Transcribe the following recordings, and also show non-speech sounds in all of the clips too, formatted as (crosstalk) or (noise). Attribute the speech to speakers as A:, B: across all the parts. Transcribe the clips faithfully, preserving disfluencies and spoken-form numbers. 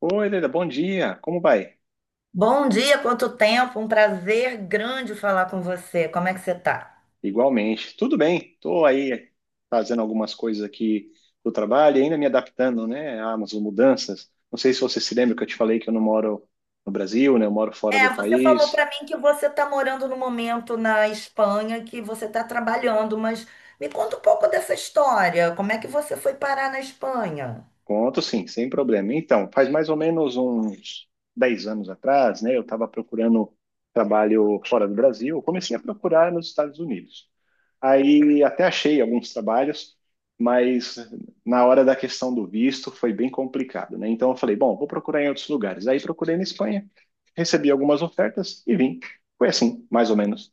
A: Oi, Leda, bom dia. Como vai?
B: Bom dia, quanto tempo, um prazer grande falar com você. Como é que você tá?
A: Igualmente. Tudo bem. Estou aí fazendo algumas coisas aqui do trabalho e ainda me adaptando, né, às mudanças. Não sei se você se lembra que eu te falei que eu não moro no Brasil, né? Eu moro fora do
B: É, você falou
A: país.
B: para mim que você está morando no momento na Espanha, que você está trabalhando, mas me conta um pouco dessa história. Como é que você foi parar na Espanha?
A: Conto sim, sem problema. Então, faz mais ou menos uns dez anos atrás, né, eu estava procurando trabalho fora do Brasil. Eu comecei a procurar nos Estados Unidos. Aí até achei alguns trabalhos, mas na hora da questão do visto foi bem complicado, né? Então eu falei, bom, vou procurar em outros lugares. Aí procurei na Espanha, recebi algumas ofertas e vim. Foi assim, mais ou menos.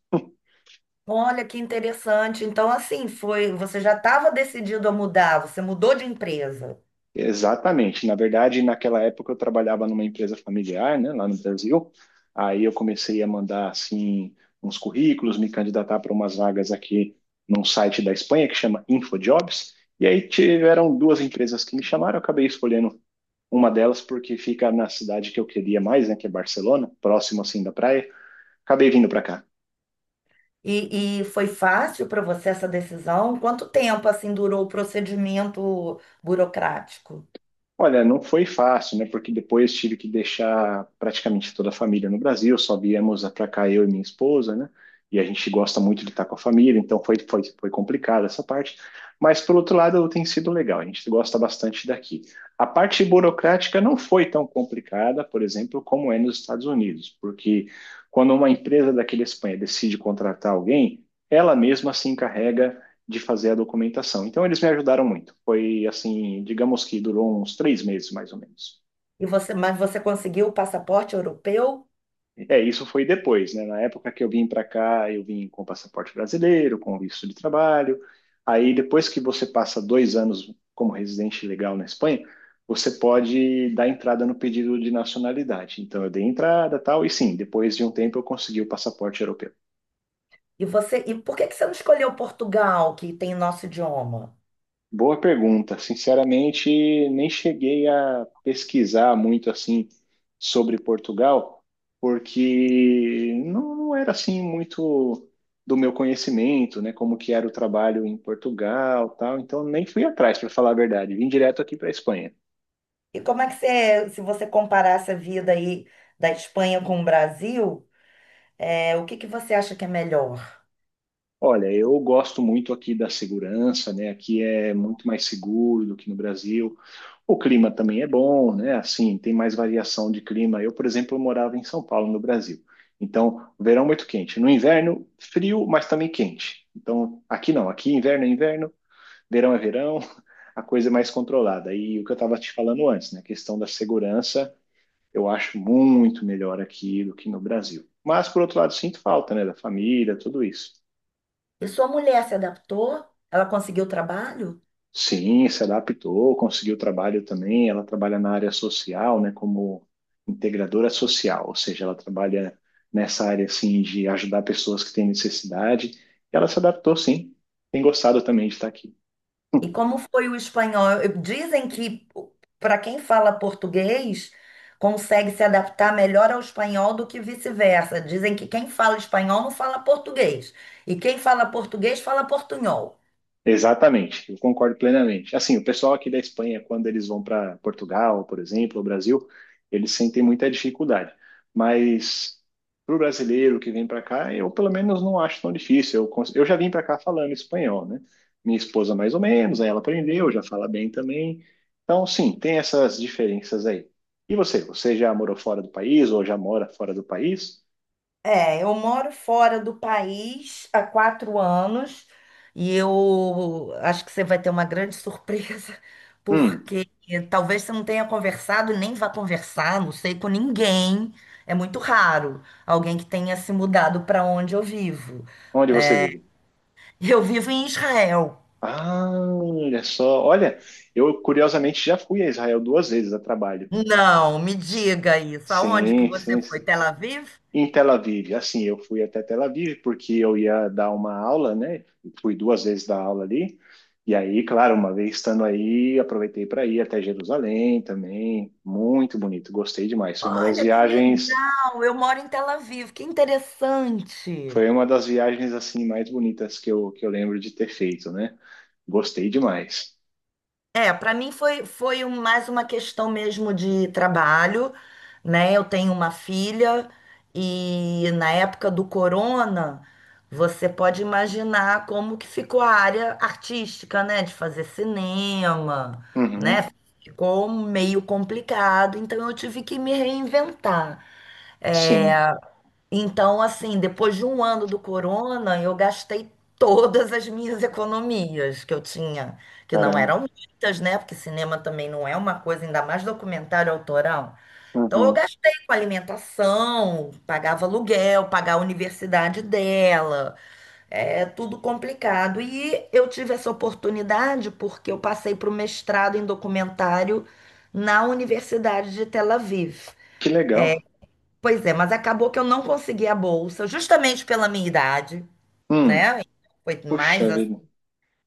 B: Olha que interessante. Então, assim, foi, você já estava decidido a mudar, você mudou de empresa.
A: Exatamente. Na verdade, naquela época eu trabalhava numa empresa familiar, né, lá no Brasil. Aí eu comecei a mandar assim uns currículos, me candidatar para umas vagas aqui num site da Espanha que chama InfoJobs. E aí tiveram duas empresas que me chamaram, eu acabei escolhendo uma delas porque fica na cidade que eu queria mais, né, que é Barcelona, próximo assim da praia. Acabei vindo para cá.
B: E, e foi fácil para você essa decisão? Quanto tempo assim durou o procedimento burocrático?
A: Olha, não foi fácil, né? Porque depois tive que deixar praticamente toda a família no Brasil, só viemos para cá eu e minha esposa, né? E a gente gosta muito de estar com a família, então foi, foi, foi complicado essa parte. Mas, por outro lado, tem sido legal, a gente gosta bastante daqui. A parte burocrática não foi tão complicada, por exemplo, como é nos Estados Unidos, porque quando uma empresa daqui da Espanha decide contratar alguém, ela mesma se encarrega de fazer a documentação. Então eles me ajudaram muito. Foi assim, digamos que durou uns três meses mais ou menos.
B: E você, mas você conseguiu o passaporte europeu?
A: É, isso foi depois, né? Na época que eu vim para cá, eu vim com passaporte brasileiro, com visto de trabalho. Aí depois que você passa dois anos como residente legal na Espanha, você pode dar entrada no pedido de nacionalidade. Então eu dei entrada, e tal, e sim, depois de um tempo eu consegui o passaporte europeu.
B: E você, e por que que você não escolheu Portugal, que tem nosso idioma?
A: Boa pergunta. Sinceramente, nem cheguei a pesquisar muito assim sobre Portugal, porque não, não era assim muito do meu conhecimento, né? Como que era o trabalho em Portugal, tal. Então nem fui atrás, para falar a verdade. Vim direto aqui para a Espanha.
B: E como é que você, se você comparasse a vida aí da Espanha com o Brasil, é, o que que você acha que é melhor?
A: Olha, eu gosto muito aqui da segurança, né? Aqui é muito mais seguro do que no Brasil. O clima também é bom, né? Assim, tem mais variação de clima. Eu, por exemplo, morava em São Paulo, no Brasil. Então, verão muito quente. No inverno, frio, mas também quente. Então, aqui não. Aqui, inverno é inverno, verão é verão, a coisa é mais controlada. E o que eu estava te falando antes, né? A questão da segurança, eu acho muito melhor aqui do que no Brasil. Mas, por outro lado, sinto falta, né? Da família, tudo isso.
B: E sua mulher se adaptou? Ela conseguiu trabalho?
A: Sim, se adaptou, conseguiu trabalho também. Ela trabalha na área social, né, como integradora social, ou seja, ela trabalha nessa área assim de ajudar pessoas que têm necessidade. E ela se adaptou, sim. Tem gostado também de estar aqui. (laughs)
B: E como foi o espanhol? Eu- Dizem que para quem fala português consegue se adaptar melhor ao espanhol do que vice-versa. Dizem que quem fala espanhol não fala português e quem fala português fala portunhol.
A: Exatamente, eu concordo plenamente. Assim, o pessoal aqui da Espanha, quando eles vão para Portugal, por exemplo, ou Brasil, eles sentem muita dificuldade. Mas para o brasileiro que vem para cá, eu pelo menos não acho tão difícil. Eu, cons- eu já vim para cá falando espanhol, né? Minha esposa mais ou menos, aí ela aprendeu, já fala bem também. Então, sim, tem essas diferenças aí. E você? Você já morou fora do país ou já mora fora do país?
B: É, eu moro fora do país há quatro anos e eu acho que você vai ter uma grande surpresa, (laughs)
A: Hum,
B: porque talvez você não tenha conversado e nem vá conversar, não sei, com ninguém. É muito raro alguém que tenha se mudado para onde eu vivo.
A: Onde você vive?
B: Eu vivo em Israel.
A: Ah, olha só. Olha, eu curiosamente já fui a Israel duas vezes a trabalho.
B: Não, me
A: S-
B: diga isso. Aonde que
A: Sim, sim.
B: você foi? Tel Aviv?
A: Em Tel Aviv, assim, eu fui até Tel Aviv porque eu ia dar uma aula, né? Fui duas vezes dar aula ali. E aí, claro, uma vez estando aí, aproveitei para ir até Jerusalém também. Muito bonito, gostei demais. Foi uma das
B: Olha que
A: viagens,
B: legal, eu moro em Tel Aviv, que interessante.
A: foi uma das viagens assim mais bonitas que eu, que eu lembro de ter feito, né? Gostei demais.
B: É, para mim foi, foi um- mais uma questão mesmo de trabalho, né? Eu tenho uma filha e na época do corona, você pode imaginar como que ficou a área artística, né? De fazer cinema, né?
A: Uhum.
B: Ficou meio complicado, então eu tive que me reinventar.
A: Sim.
B: Então, assim, depois de um ano do corona, eu gastei todas as minhas economias que eu tinha, que não
A: Caramba.
B: eram muitas, né? Porque cinema também não é uma coisa, ainda mais documentário autoral. Então, eu
A: Uhum.
B: gastei com alimentação, pagava aluguel, pagava a universidade dela, é tudo complicado. E eu tive essa oportunidade porque eu passei para o mestrado em documentário na Universidade de Tel Aviv.
A: Que legal.
B: Pois é, mas acabou que eu não consegui a bolsa, justamente pela minha idade,
A: Hum.
B: né? Foi mais
A: Puxa
B: assim.
A: vida.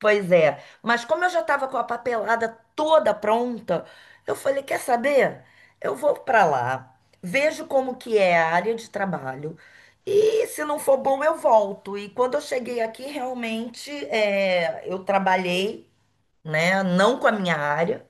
B: Pois é, mas como eu já estava com a papelada toda pronta, eu falei, quer saber? Eu vou para lá, vejo como que é a área de trabalho e se não for bom eu volto. E quando eu cheguei aqui, realmente, é, eu trabalhei, né? Não com a minha área,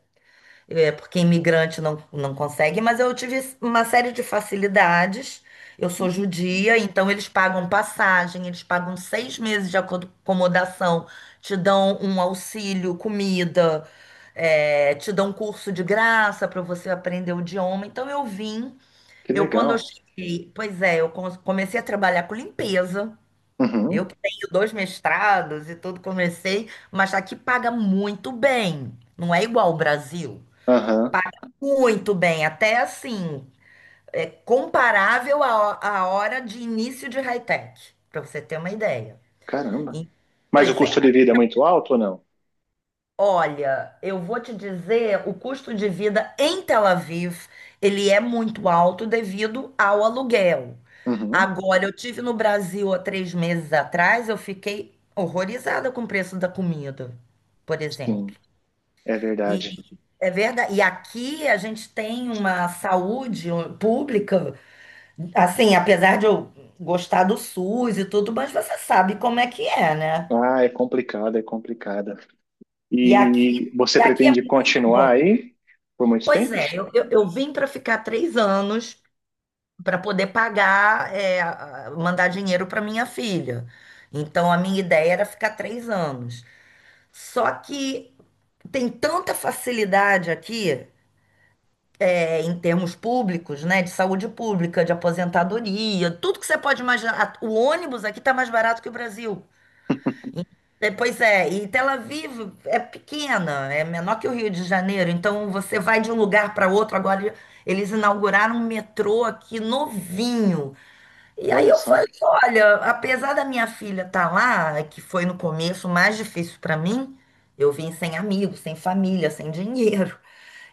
B: é, porque imigrante não, não consegue, mas eu tive uma série de facilidades. Eu sou judia, então eles pagam passagem, eles pagam seis meses de aco- acomodação, te dão um auxílio, comida, é, te dão um curso de graça para você aprender o idioma. Então eu vim,
A: Que
B: eu quando eu
A: legal.
B: cheguei, pois é, eu com- comecei a trabalhar com limpeza. Eu
A: Uhum.
B: que tenho dois mestrados e tudo, comecei, mas aqui paga muito bem. Não é igual ao Brasil.
A: Aham.
B: Paga muito bem, até assim, é comparável à, à hora de início de high-tech, para você ter uma ideia.
A: Caramba.
B: E,
A: Mas o
B: pois
A: custo
B: é,
A: de vida é muito alto ou não?
B: olha, eu vou te dizer, o custo de vida em Tel Aviv, ele é muito alto devido ao aluguel.
A: Uhum.
B: Agora, eu tive no Brasil há três meses atrás, eu fiquei horrorizada com o preço da comida, por exemplo.
A: Sim, é
B: E
A: verdade.
B: é verdade. E aqui a gente tem uma saúde um, pública, assim, apesar de eu gostar do suss e tudo, mas você sabe como é que é, né?
A: Ah, é complicado, é complicada.
B: E aqui,
A: E
B: e
A: você
B: aqui é
A: pretende
B: muito
A: continuar
B: bom.
A: aí por muito
B: Pois
A: tempo?
B: é, eu, eu, eu vim para ficar três anos para poder pagar, é, a- mandar dinheiro para minha filha. Então a minha ideia era ficar três anos. Só que tem tanta facilidade aqui. É, em termos públicos, né, de saúde pública, de aposentadoria, tudo que você pode imaginar. A- O ônibus aqui está mais barato que o Brasil.
A: (laughs)
B: E- é, Pois é, e Tel Aviv é pequena, é menor que o Rio de Janeiro, então você vai de um lugar para outro. Agora eles inauguraram um metrô aqui novinho. E aí
A: Olha
B: eu
A: só.
B: falei: olha, apesar da minha filha estar lá, que foi no começo mais difícil para mim, eu vim sem amigos, sem família, sem dinheiro.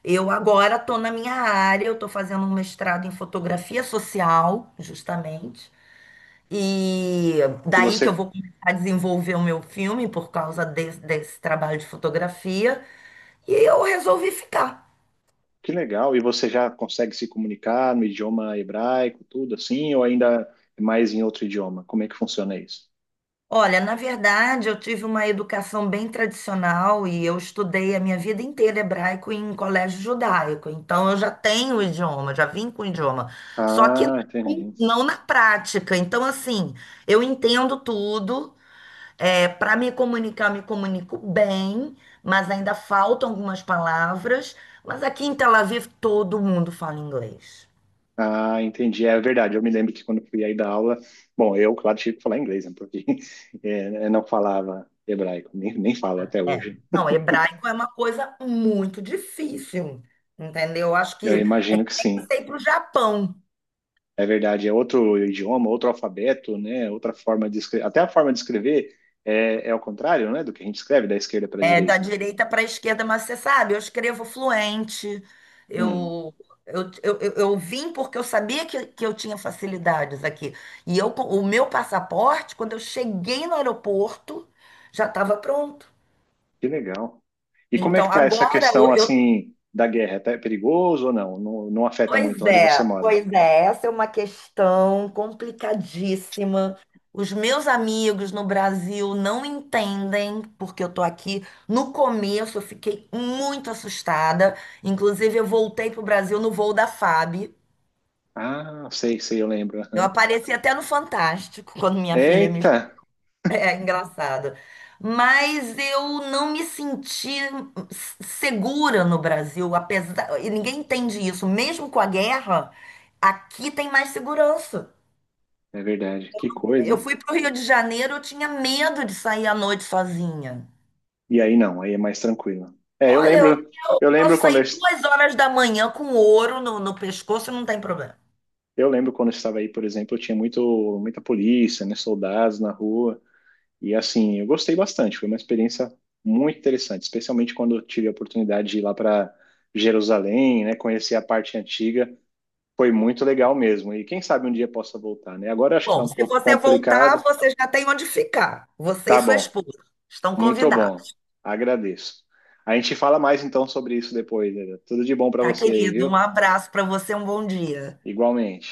B: Eu agora estou na minha área, eu estou fazendo um mestrado em fotografia social, justamente. E
A: E
B: daí que eu
A: você,
B: vou começar a desenvolver o meu filme por causa desse, desse trabalho de fotografia. E eu resolvi ficar.
A: que legal. E você já consegue se comunicar no idioma hebraico, tudo assim, ou ainda é mais em outro idioma? Como é que funciona isso?
B: Olha, na verdade, eu tive uma educação bem tradicional e eu estudei a minha vida inteira hebraico em colégio judaico. Então, eu já tenho o idioma, já vim com o idioma. Só que não
A: Ah, entendi.
B: não na prática. Então, assim, eu entendo tudo. É, para me comunicar, me comunico bem, mas ainda faltam algumas palavras. Mas aqui em Tel Aviv todo mundo fala inglês.
A: Ah, entendi. É verdade. Eu me lembro que quando eu fui aí dar aula, bom, eu, claro, tive que falar inglês, né? Porque (laughs) eh, eu não falava hebraico, nem, nem falo até
B: É.
A: hoje.
B: Não, hebraico é uma coisa muito difícil, entendeu? Acho
A: Eu
B: que é
A: imagino
B: que
A: que
B: tem que
A: sim.
B: ser para o Japão.
A: É verdade. É outro idioma, outro alfabeto, né? Outra forma de escrever. Até a forma de escrever é, é ao contrário, né? Do que a gente escreve, da esquerda para a
B: É, da
A: direita.
B: direita para a esquerda, mas você sabe, eu escrevo fluente,
A: Hum,
B: eu, eu, eu, eu eu vim porque eu sabia que, que eu tinha facilidades aqui. E eu, co- o meu passaporte, quando eu cheguei no aeroporto, já estava pronto.
A: que legal. E como é que
B: Então,
A: tá essa
B: agora
A: questão,
B: eu
A: assim, da guerra? Tá- É perigoso ou não? Não, não afeta
B: Pois
A: muito onde
B: é,
A: você mora?
B: pois é, essa é uma questão complicadíssima. Os meus amigos no Brasil não entendem porque eu tô aqui. No começo eu fiquei muito assustada. Inclusive, eu voltei pro Brasil no voo da FAB.
A: Ah, sei, sei, eu lembro.
B: Eu
A: Aham.
B: apareci até no Fantástico (laughs) quando minha filha me
A: Eita!
B: (laughs) é engraçado. Mas eu não me senti s- segura no Brasil, apesar. E ninguém entende isso. Mesmo com a guerra, aqui tem mais segurança.
A: É verdade. Que coisa,
B: Eu
A: hein?
B: fui para o Rio de Janeiro, eu tinha medo de sair à noite sozinha.
A: E aí não, aí é mais tranquilo. É, eu
B: Olha, eu
A: lembro,
B: eu
A: eu lembro
B: posso
A: quando eu,
B: sair
A: es-
B: duas horas da manhã com ouro no, no pescoço, não tem problema.
A: eu lembro quando eu estava aí, por exemplo, eu tinha muito muita polícia, né, soldados na rua, e assim, eu gostei bastante, foi uma experiência muito interessante, especialmente quando eu tive a oportunidade de ir lá para Jerusalém, né, conhecer a parte antiga, foi muito legal mesmo. E quem sabe um dia possa voltar, né? Agora eu acho que tá
B: Bom,
A: um
B: se
A: pouco
B: você voltar,
A: complicado.
B: você já tem onde ficar. Você e
A: Tá
B: sua
A: bom.
B: esposa estão
A: Muito bom.
B: convidados.
A: Agradeço. A gente fala mais então sobre isso depois, Eder. Tudo de bom para
B: Tá,
A: você aí,
B: querido? Um
A: viu?
B: abraço para você, um bom dia.
A: Igualmente.